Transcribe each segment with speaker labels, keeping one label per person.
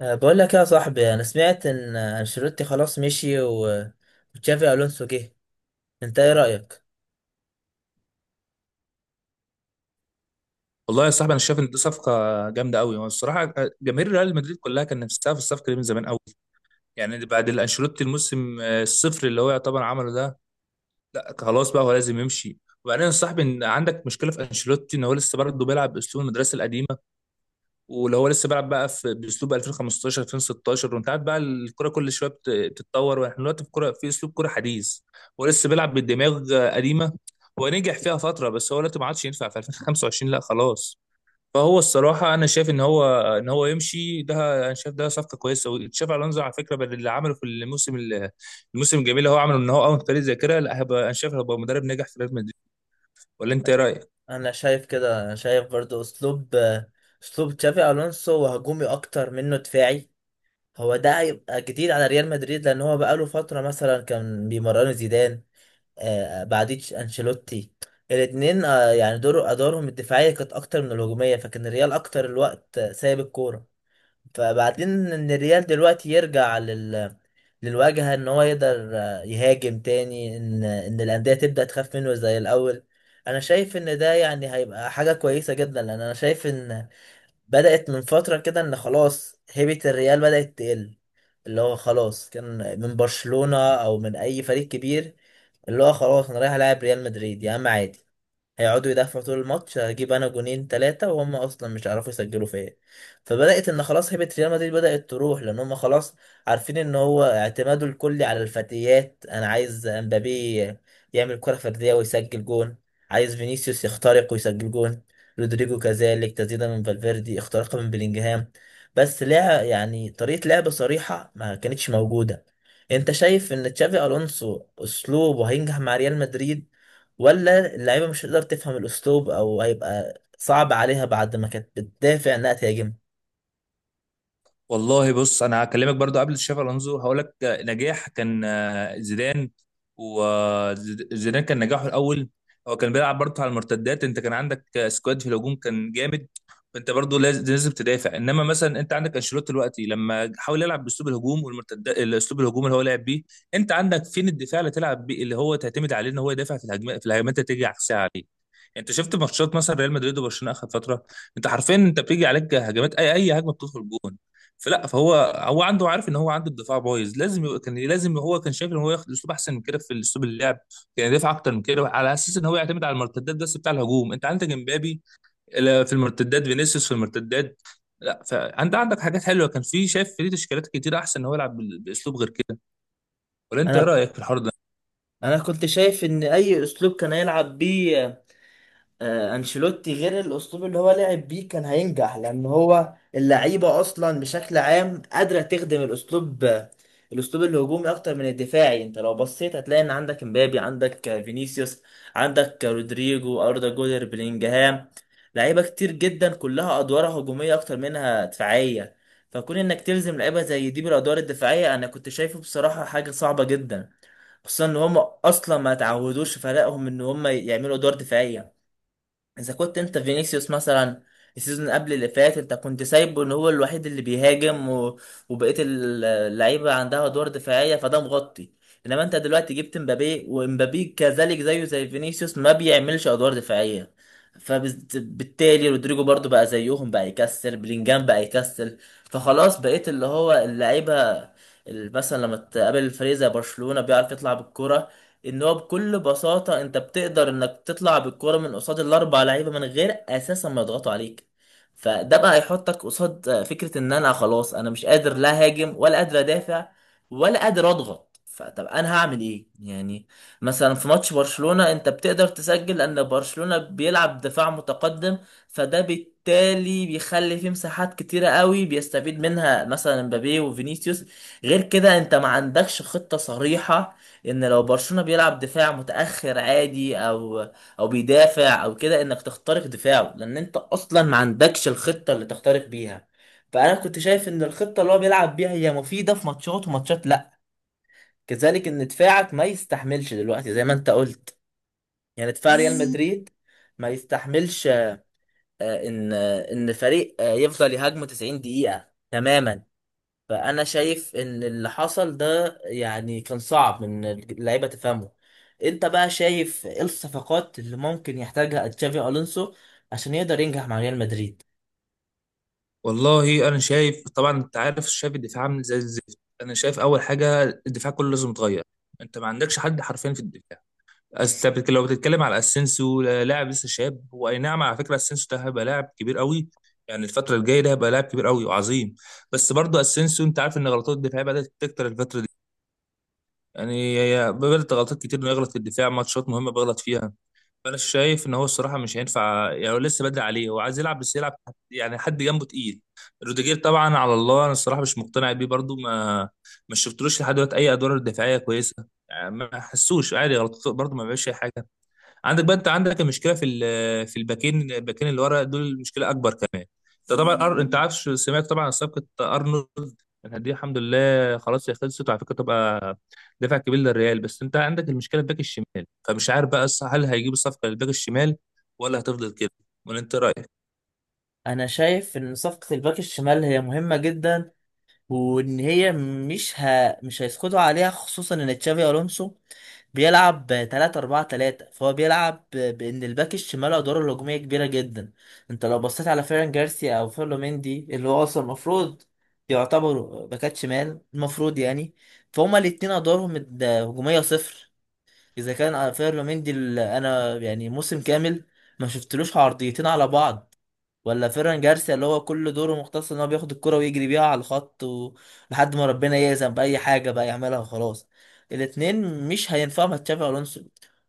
Speaker 1: بقول لك يا صاحبي، انا سمعت ان انشيلوتي خلاص مشي وتشافي الونسو جه. انت ايه رايك؟
Speaker 2: والله يا صاحبي انا شايف ان دي صفقه جامده قوي. والصراحه جماهير ريال مدريد كلها كان نفسها في الصفقه دي من زمان قوي. يعني بعد الانشيلوتي الموسم الصفر اللي هو يعتبر عمله ده، لا خلاص بقى هو لازم يمشي. وبعدين يا صاحبي ان عندك مشكله في انشيلوتي ان هو لسه برضه بيلعب باسلوب المدرسه القديمه. ولو هو لسه بيلعب بقى في باسلوب 2015 2016، وانت عارف بقى الكره كل شويه بتتطور، واحنا دلوقتي في كره في اسلوب كره حديث. هو لسه بيلعب بالدماغ قديمه. هو نجح فيها فتره، بس هو دلوقتي ما عادش ينفع في 2025، لا خلاص. فهو الصراحة أنا شايف إن هو يمشي ده. أنا شايف ده صفقة كويسة. وتشافي ألونزو على فكرة بدل اللي عمله في الموسم الجميل اللي هو عمله إن هو أول فريق زي كده، لا هيبقى، أنا شايف هيبقى مدرب ناجح في ريال مدريد. ولا أنت إيه رأيك؟
Speaker 1: انا شايف كده. أنا شايف برضو اسلوب تشافي الونسو، وهجومي اكتر منه دفاعي. هو ده هيبقى جديد على ريال مدريد، لان هو بقاله فتره مثلا كان بيمرنوا زيدان، بعديه انشيلوتي. الاتنين يعني ادوارهم الدفاعيه كانت اكتر من الهجوميه، فكان الريال اكتر الوقت سايب الكوره. فبعدين ان الريال دلوقتي يرجع للواجهة، ان هو يقدر يهاجم تاني، ان الأندية تبدأ تخاف منه زي الأول. انا شايف ان ده يعني هيبقى حاجة كويسة جدا، لان انا شايف ان بدأت من فترة كده ان خلاص هيبة الريال بدأت تقل. اللي هو خلاص كان من برشلونة او من اي فريق كبير، اللي هو خلاص انا رايح العب ريال مدريد يا عم عادي، هيقعدوا يدافعوا طول الماتش، هجيب انا جونين ثلاثة وهم اصلا مش هيعرفوا يسجلوا فيا. فبدأت ان خلاص هيبة ريال مدريد بدأت تروح، لان هم خلاص عارفين ان هو اعتماده الكلي على الفتيات. انا عايز امبابي يعمل كرة فردية ويسجل جون، عايز فينيسيوس يخترق ويسجل جون، رودريجو كذلك، تسديدة من فالفيردي، اختراقها من بلينجهام. بس لعب، يعني طريقة لعب صريحة ما كانتش موجودة. انت شايف ان تشافي الونسو اسلوبه هينجح مع ريال مدريد؟ ولا اللعيبة مش هتقدر تفهم الأسلوب أو هيبقى صعب عليها بعد ما كانت بتدافع إنها تهاجم؟
Speaker 2: والله بص انا هكلمك برضو قبل تشافي الونزو، هقول لك نجاح كان زيدان. وزيدان كان نجاحه الاول. هو كان بيلعب برضو على المرتدات، انت كان عندك سكواد في الهجوم كان جامد. فانت برضو لازم تدافع. انما مثلا انت عندك انشيلوتي دلوقتي لما حاول يلعب باسلوب الهجوم والمرتدات، الاسلوب الهجوم اللي هو لعب بيه، انت عندك فين الدفاع اللي تلعب بيه اللي هو تعتمد عليه ان هو يدافع في الهجمات اللي تيجي عكسها عليه. انت شفت ماتشات مثلا ريال مدريد وبرشلونه اخر فتره، انت حرفيا انت بيجي عليك هجمات اي هجمه بتدخل جون. فهو عنده، عارف ان هو عنده الدفاع بايظ، لازم يبقى كان لازم هو كان شايف ان هو ياخد اسلوب احسن من كده في اسلوب اللعب. كان يدافع اكتر من كده على اساس ان هو يعتمد على المرتدات، بس بتاع الهجوم انت عندك امبابي، لا في المرتدات، فينيسيوس في المرتدات، لا فانت عندك حاجات حلوه، كان في شايف في تشكيلات كتير احسن ان هو يلعب باسلوب غير كده. ولا انت ايه
Speaker 1: أنا
Speaker 2: رايك في الحوار ده؟
Speaker 1: أنا كنت شايف إن أي أسلوب كان هيلعب بيه انشيلوتي غير الاسلوب اللي هو لعب بيه كان هينجح، لان هو اللعيبه اصلا بشكل عام قادره تخدم الاسلوب، الاسلوب الهجومي اكتر من الدفاعي. انت لو بصيت هتلاقي ان عندك امبابي، عندك فينيسيوس، عندك رودريجو، اردا جولر، بلينجهام، لعيبه كتير جدا كلها ادوارها هجوميه اكتر منها دفاعيه. فكون انك تلزم لعيبه زي دي بالادوار الدفاعيه، انا كنت شايفه بصراحه حاجه صعبه جدا، خصوصا ان هم اصلا ما تعودوش فريقهم ان هم يعملوا ادوار دفاعيه. اذا كنت انت فينيسيوس مثلا، السيزون قبل اللي فات، انت كنت سايبه ان هو الوحيد اللي بيهاجم، و... وبقيه اللعيبه عندها ادوار دفاعيه، فده مغطي. انما انت دلوقتي جبت مبابي، ومبابي كذلك زيه زي فينيسيوس ما بيعملش ادوار دفاعيه، فبالتالي رودريجو برضو بقى زيهم، بقى يكسل، بلينجهام بقى يكسل. فخلاص بقيت اللي هو اللعيبه، مثلا لما تقابل فريق زي برشلونه بيعرف يطلع بالكرة، ان هو بكل بساطه انت بتقدر انك تطلع بالكوره من قصاد الاربع لعيبه من غير اساسا ما يضغطوا عليك. فده بقى هيحطك قصاد فكره ان انا خلاص، انا مش قادر لا هاجم ولا قادر ادافع ولا قادر اضغط، فطب انا هعمل ايه يعني؟ مثلا في ماتش برشلونه انت بتقدر تسجل، لان برشلونه بيلعب دفاع متقدم، فده بالتالي بيخلي فيه مساحات كتيره قوي بيستفيد منها مثلا مبابي وفينيسيوس. غير كده انت ما عندكش خطه صريحه ان لو برشلونة بيلعب دفاع متأخر عادي، او بيدافع او كده، انك تخترق دفاعه، لان انت اصلا ما عندكش الخطة اللي تخترق بيها. فانا كنت شايف ان الخطة اللي هو بيلعب بيها هي مفيدة في ماتشات، وماتشات لا، كذلك ان دفاعك ما يستحملش دلوقتي زي ما انت قلت. يعني دفاع ريال مدريد ما يستحملش ان ان فريق يفضل يهاجمه 90 دقيقة تماما. فانا شايف ان اللي حصل ده يعني كان صعب ان اللعيبه تفهمه. انت بقى شايف ايه الصفقات اللي ممكن يحتاجها تشافي الونسو عشان يقدر ينجح مع ريال مدريد؟
Speaker 2: والله انا شايف طبعا انت عارف، شايف الدفاع عامل زي الزفت. انا شايف اول حاجه الدفاع كله لازم يتغير. انت ما عندكش حد حرفيا في الدفاع. أصل أنت لو بتتكلم على اسينسيو، لاعب لسه شاب، هو اي نعم. على فكره اسينسيو ده هيبقى لاعب كبير قوي. يعني الفتره الجايه ده هيبقى لاعب كبير قوي وعظيم. بس برضه اسينسيو انت عارف ان غلطات الدفاع بدات تكتر الفتره دي. يعني بدات غلطات كتير انه يغلط في الدفاع، ماتشات مهمه بيغلط فيها. انا شايف ان هو الصراحه مش هينفع. يعني هو لسه بدري عليه، هو عايز يلعب بس يلعب يعني حد جنبه تقيل. روديجير طبعا على الله، انا الصراحه مش مقتنع بيه برضو، ما شفتلوش لحد دلوقتي اي ادوار دفاعيه كويسه. يعني ما حسوش عادي غلط، برضو ما بيعملش اي حاجه. عندك بقى، انت عندك المشكله في في الباكين اللي ورا دول المشكله اكبر كمان. انت طبعا انت عارف، سمعت طبعا عن صفقه ارنولد. يعني دي الحمد لله خلاص هي خلصت، وعلى فكره تبقى دفع كبير للريال. بس انت عندك المشكله الباك الشمال، فمش عارف بقى، هل هيجيب الصفقه للباك الشمال ولا هتفضل كده؟ ولا انت رايك؟
Speaker 1: انا شايف ان صفقه الباك الشمال هي مهمه جدا، وان هي مش هيسقطوا عليها، خصوصا ان تشافي الونسو بيلعب 3-4-3، فهو بيلعب بان الباك الشمال ادواره الهجوميه كبيره جدا. انت لو بصيت على فيران جارسيا او فيرلو مندي اللي هو اصلا المفروض يعتبروا باكات شمال المفروض يعني، فهما الاتنين ادوارهم هجوميه صفر. اذا كان فيرلو مندي انا يعني موسم كامل ما شفتلوش عرضيتين على بعض، ولا فيران جارسيا اللي هو كل دوره مختص ان هو بياخد الكرة ويجري بيها على الخط، لحد ما ربنا يأذن بأي حاجة بقى يعملها وخلاص. الاتنين مش هينفعوا مع تشافي ألونسو،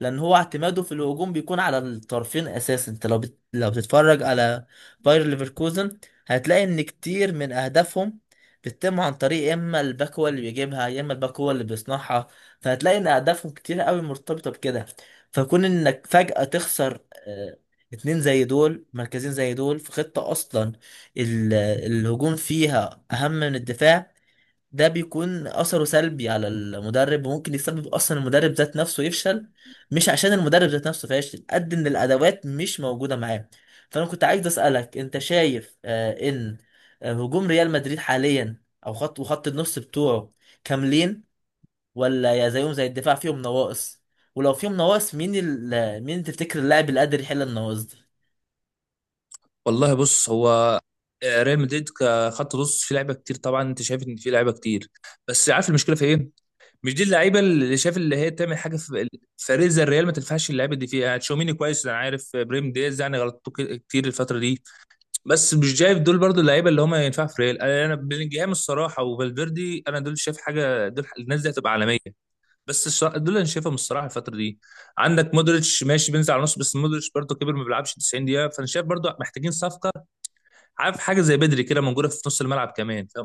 Speaker 1: لأن هو اعتماده في الهجوم بيكون على الطرفين أساسا. أنت لو لو بتتفرج على باير ليفركوزن هتلاقي إن كتير من أهدافهم بتتم عن طريق، يا إما الباك هو اللي بيجيبها، يا إما الباك هو اللي بيصنعها. فهتلاقي إن أهدافهم كتير قوي مرتبطة بكده. فكون إنك فجأة تخسر آه، اتنين زي دول مركزين زي دول في خطة أصلا الهجوم فيها أهم من الدفاع، ده بيكون أثره سلبي على المدرب، وممكن يسبب أصلا المدرب ذات نفسه يفشل، مش عشان المدرب ذات نفسه فاشل، قد إن الأدوات مش موجودة معاه. فأنا كنت عايز أسألك، أنت شايف إن هجوم ريال مدريد حاليا، أو خط وخط النص بتوعه، كاملين؟ ولا يا زيهم زي الدفاع فيهم نواقص؟ ولو فيهم نواقص، مين مين تفتكر اللاعب اللي قادر يحل النواقص دي؟
Speaker 2: والله بص، هو ريال مدريد كخط نص في لعيبه كتير، طبعا انت شايف ان في لعيبه كتير، بس عارف المشكله في ايه؟ مش دي اللعيبه اللي شايف اللي هي تعمل حاجه في فريق زي الريال، ما تنفعش اللعيبه دي فيها. يعني تشاوميني كويس، انا عارف، بريم دياز يعني غلطته كتير الفتره دي. بس مش شايف دول برضو اللعيبه اللي هم ينفعوا في ريال. انا بلينجهام الصراحه وفالفيردي، انا دول شايف حاجه، دول الناس دي هتبقى عالميه. بس دول انا شايفهم الصراحه الفتره دي. عندك مودريتش ماشي بينزل على النص، بس مودريتش برضو كبر، ما بيلعبش 90 دقيقه. فانا شايف برضو محتاجين صفقه. عارف حاجه زي بدري كده موجوده في نص الملعب كمان، فاهم؟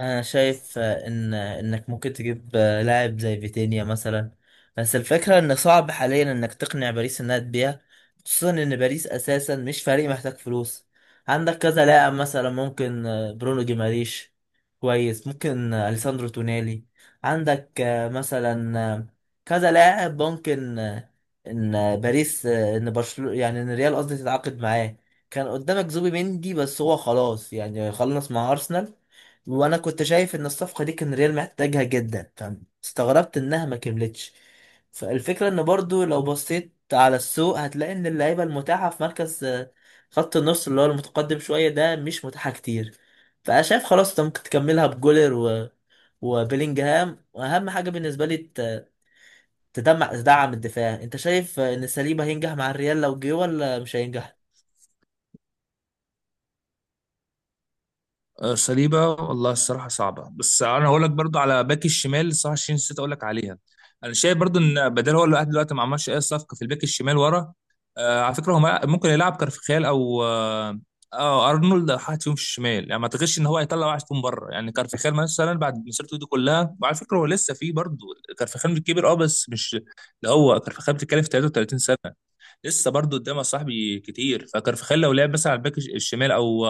Speaker 1: انا شايف ان انك ممكن تجيب لاعب زي فيتينيا مثلا، بس الفكره ان صعب حاليا انك تقنع باريس انها تبيع، خصوصا ان باريس اساسا مش فريق محتاج فلوس. عندك كذا لاعب، مثلا ممكن برونو جيماريش، كويس، ممكن اليساندرو تونالي، عندك مثلا كذا لاعب، ممكن ان باريس، ان برشلونه، يعني ان ريال قصدي تتعاقد معاه. كان قدامك زوبي مندي بس هو خلاص يعني خلص مع ارسنال، وانا كنت شايف ان الصفقه دي كان ريال محتاجها جدا، فاستغربت انها ما كملتش. فالفكره ان برضو لو بصيت على السوق هتلاقي ان اللعيبه المتاحه في مركز خط النص اللي هو المتقدم شويه ده مش متاحه كتير. فانا شايف خلاص انت ممكن تكملها بجولر و... وبيلينجهام، واهم حاجه بالنسبه لي تدعم الدفاع. انت شايف ان ساليبا هينجح مع الريال لو جه ولا مش هينجح؟
Speaker 2: صليبة، والله الصراحة صعبة. بس أنا هقول لك برضو على باك الشمال الصراحة الشين، نسيت أقول لك عليها. أنا شايف برضو إن بدل هو لوحده دلوقتي ما عملش أي صفقة في الباك الشمال ورا. آه على فكرة هو ممكن يلعب كارفخال أو أرنولد أو حد فيهم في الشمال. يعني ما أعتقدش إن هو هيطلع واحد فيهم بره. يعني كارفخال مثلا بعد مسيرته دي كلها، وعلى فكرة هو لسه فيه برضو. كارفخال كبير أه، بس مش ده. هو كارفخال بتتكلم في 33 سنة، لسه برضو قدامه صاحبي كتير. فكارفخال لو لعب مثلا على الباك الشمال أو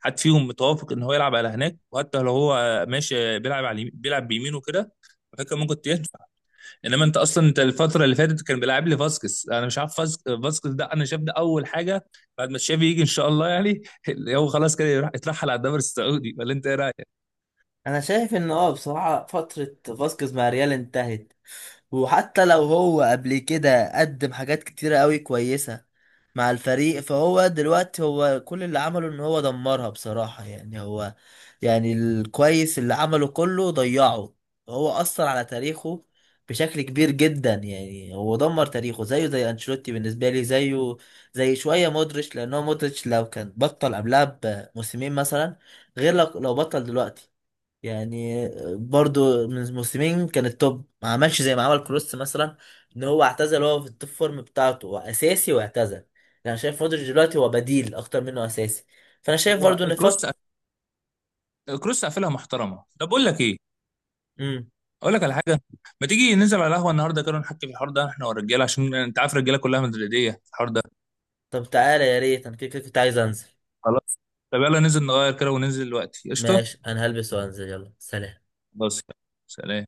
Speaker 2: حد فيهم متوافق ان هو يلعب على هناك، وحتى لو هو ماشي بيلعب على بيلعب بيمينه كده، فكان ممكن تنفع. انما انت اصلا، انت الفتره اللي فاتت كان بيلعب لي فاسكس، انا مش عارف فاسكس ده، انا شايف ده اول حاجه بعد ما تشافي يجي ان شاء الله، يعني اللي هو خلاص كده يروح يترحل على الدوري السعودي. ولا انت ايه رايك؟
Speaker 1: انا شايف ان بصراحه فتره فاسكيز مع الريال انتهت، وحتى لو هو قبل كده قدم حاجات كتيرة قوي كويسة مع الفريق، فهو دلوقتي هو كل اللي عمله ان هو دمرها بصراحة. يعني هو يعني الكويس اللي عمله كله ضيعه، هو أثر على تاريخه بشكل كبير جدا. يعني هو دمر تاريخه، زيه زي أنشيلوتي بالنسبة لي، زيه زي شوية مودريتش. لأن هو مودريتش لو كان بطل قبلها بموسمين مثلا، غير لو بطل دلوقتي يعني. برضو من موسمين كان التوب، ما عملش زي ما عمل كروس مثلا، ان هو اعتزل وهو في التوب فورم بتاعته، هو اساسي واعتزل يعني. انا شايف مودريتش دلوقتي هو بديل اكتر منه اساسي. فانا شايف
Speaker 2: هو
Speaker 1: برضو ان
Speaker 2: الكروس،
Speaker 1: فط
Speaker 2: قافلها محترمه. طب اقول لك ايه؟
Speaker 1: امم
Speaker 2: اقول لك على حاجه. ما تيجي ننزل على القهوه النهارده كده ونحكي في الحوار ده، احنا والرجاله، عشان انت عارف الرجاله كلها مدريديه في الحوار ده.
Speaker 1: طب تعالى، يا ريت، انا كده كده كنت عايز انزل.
Speaker 2: خلاص. طب يلا ننزل نغير كده وننزل دلوقتي، قشطه.
Speaker 1: ماشي، انا هلبس وانزل، يلا سلام.
Speaker 2: بس. سلام.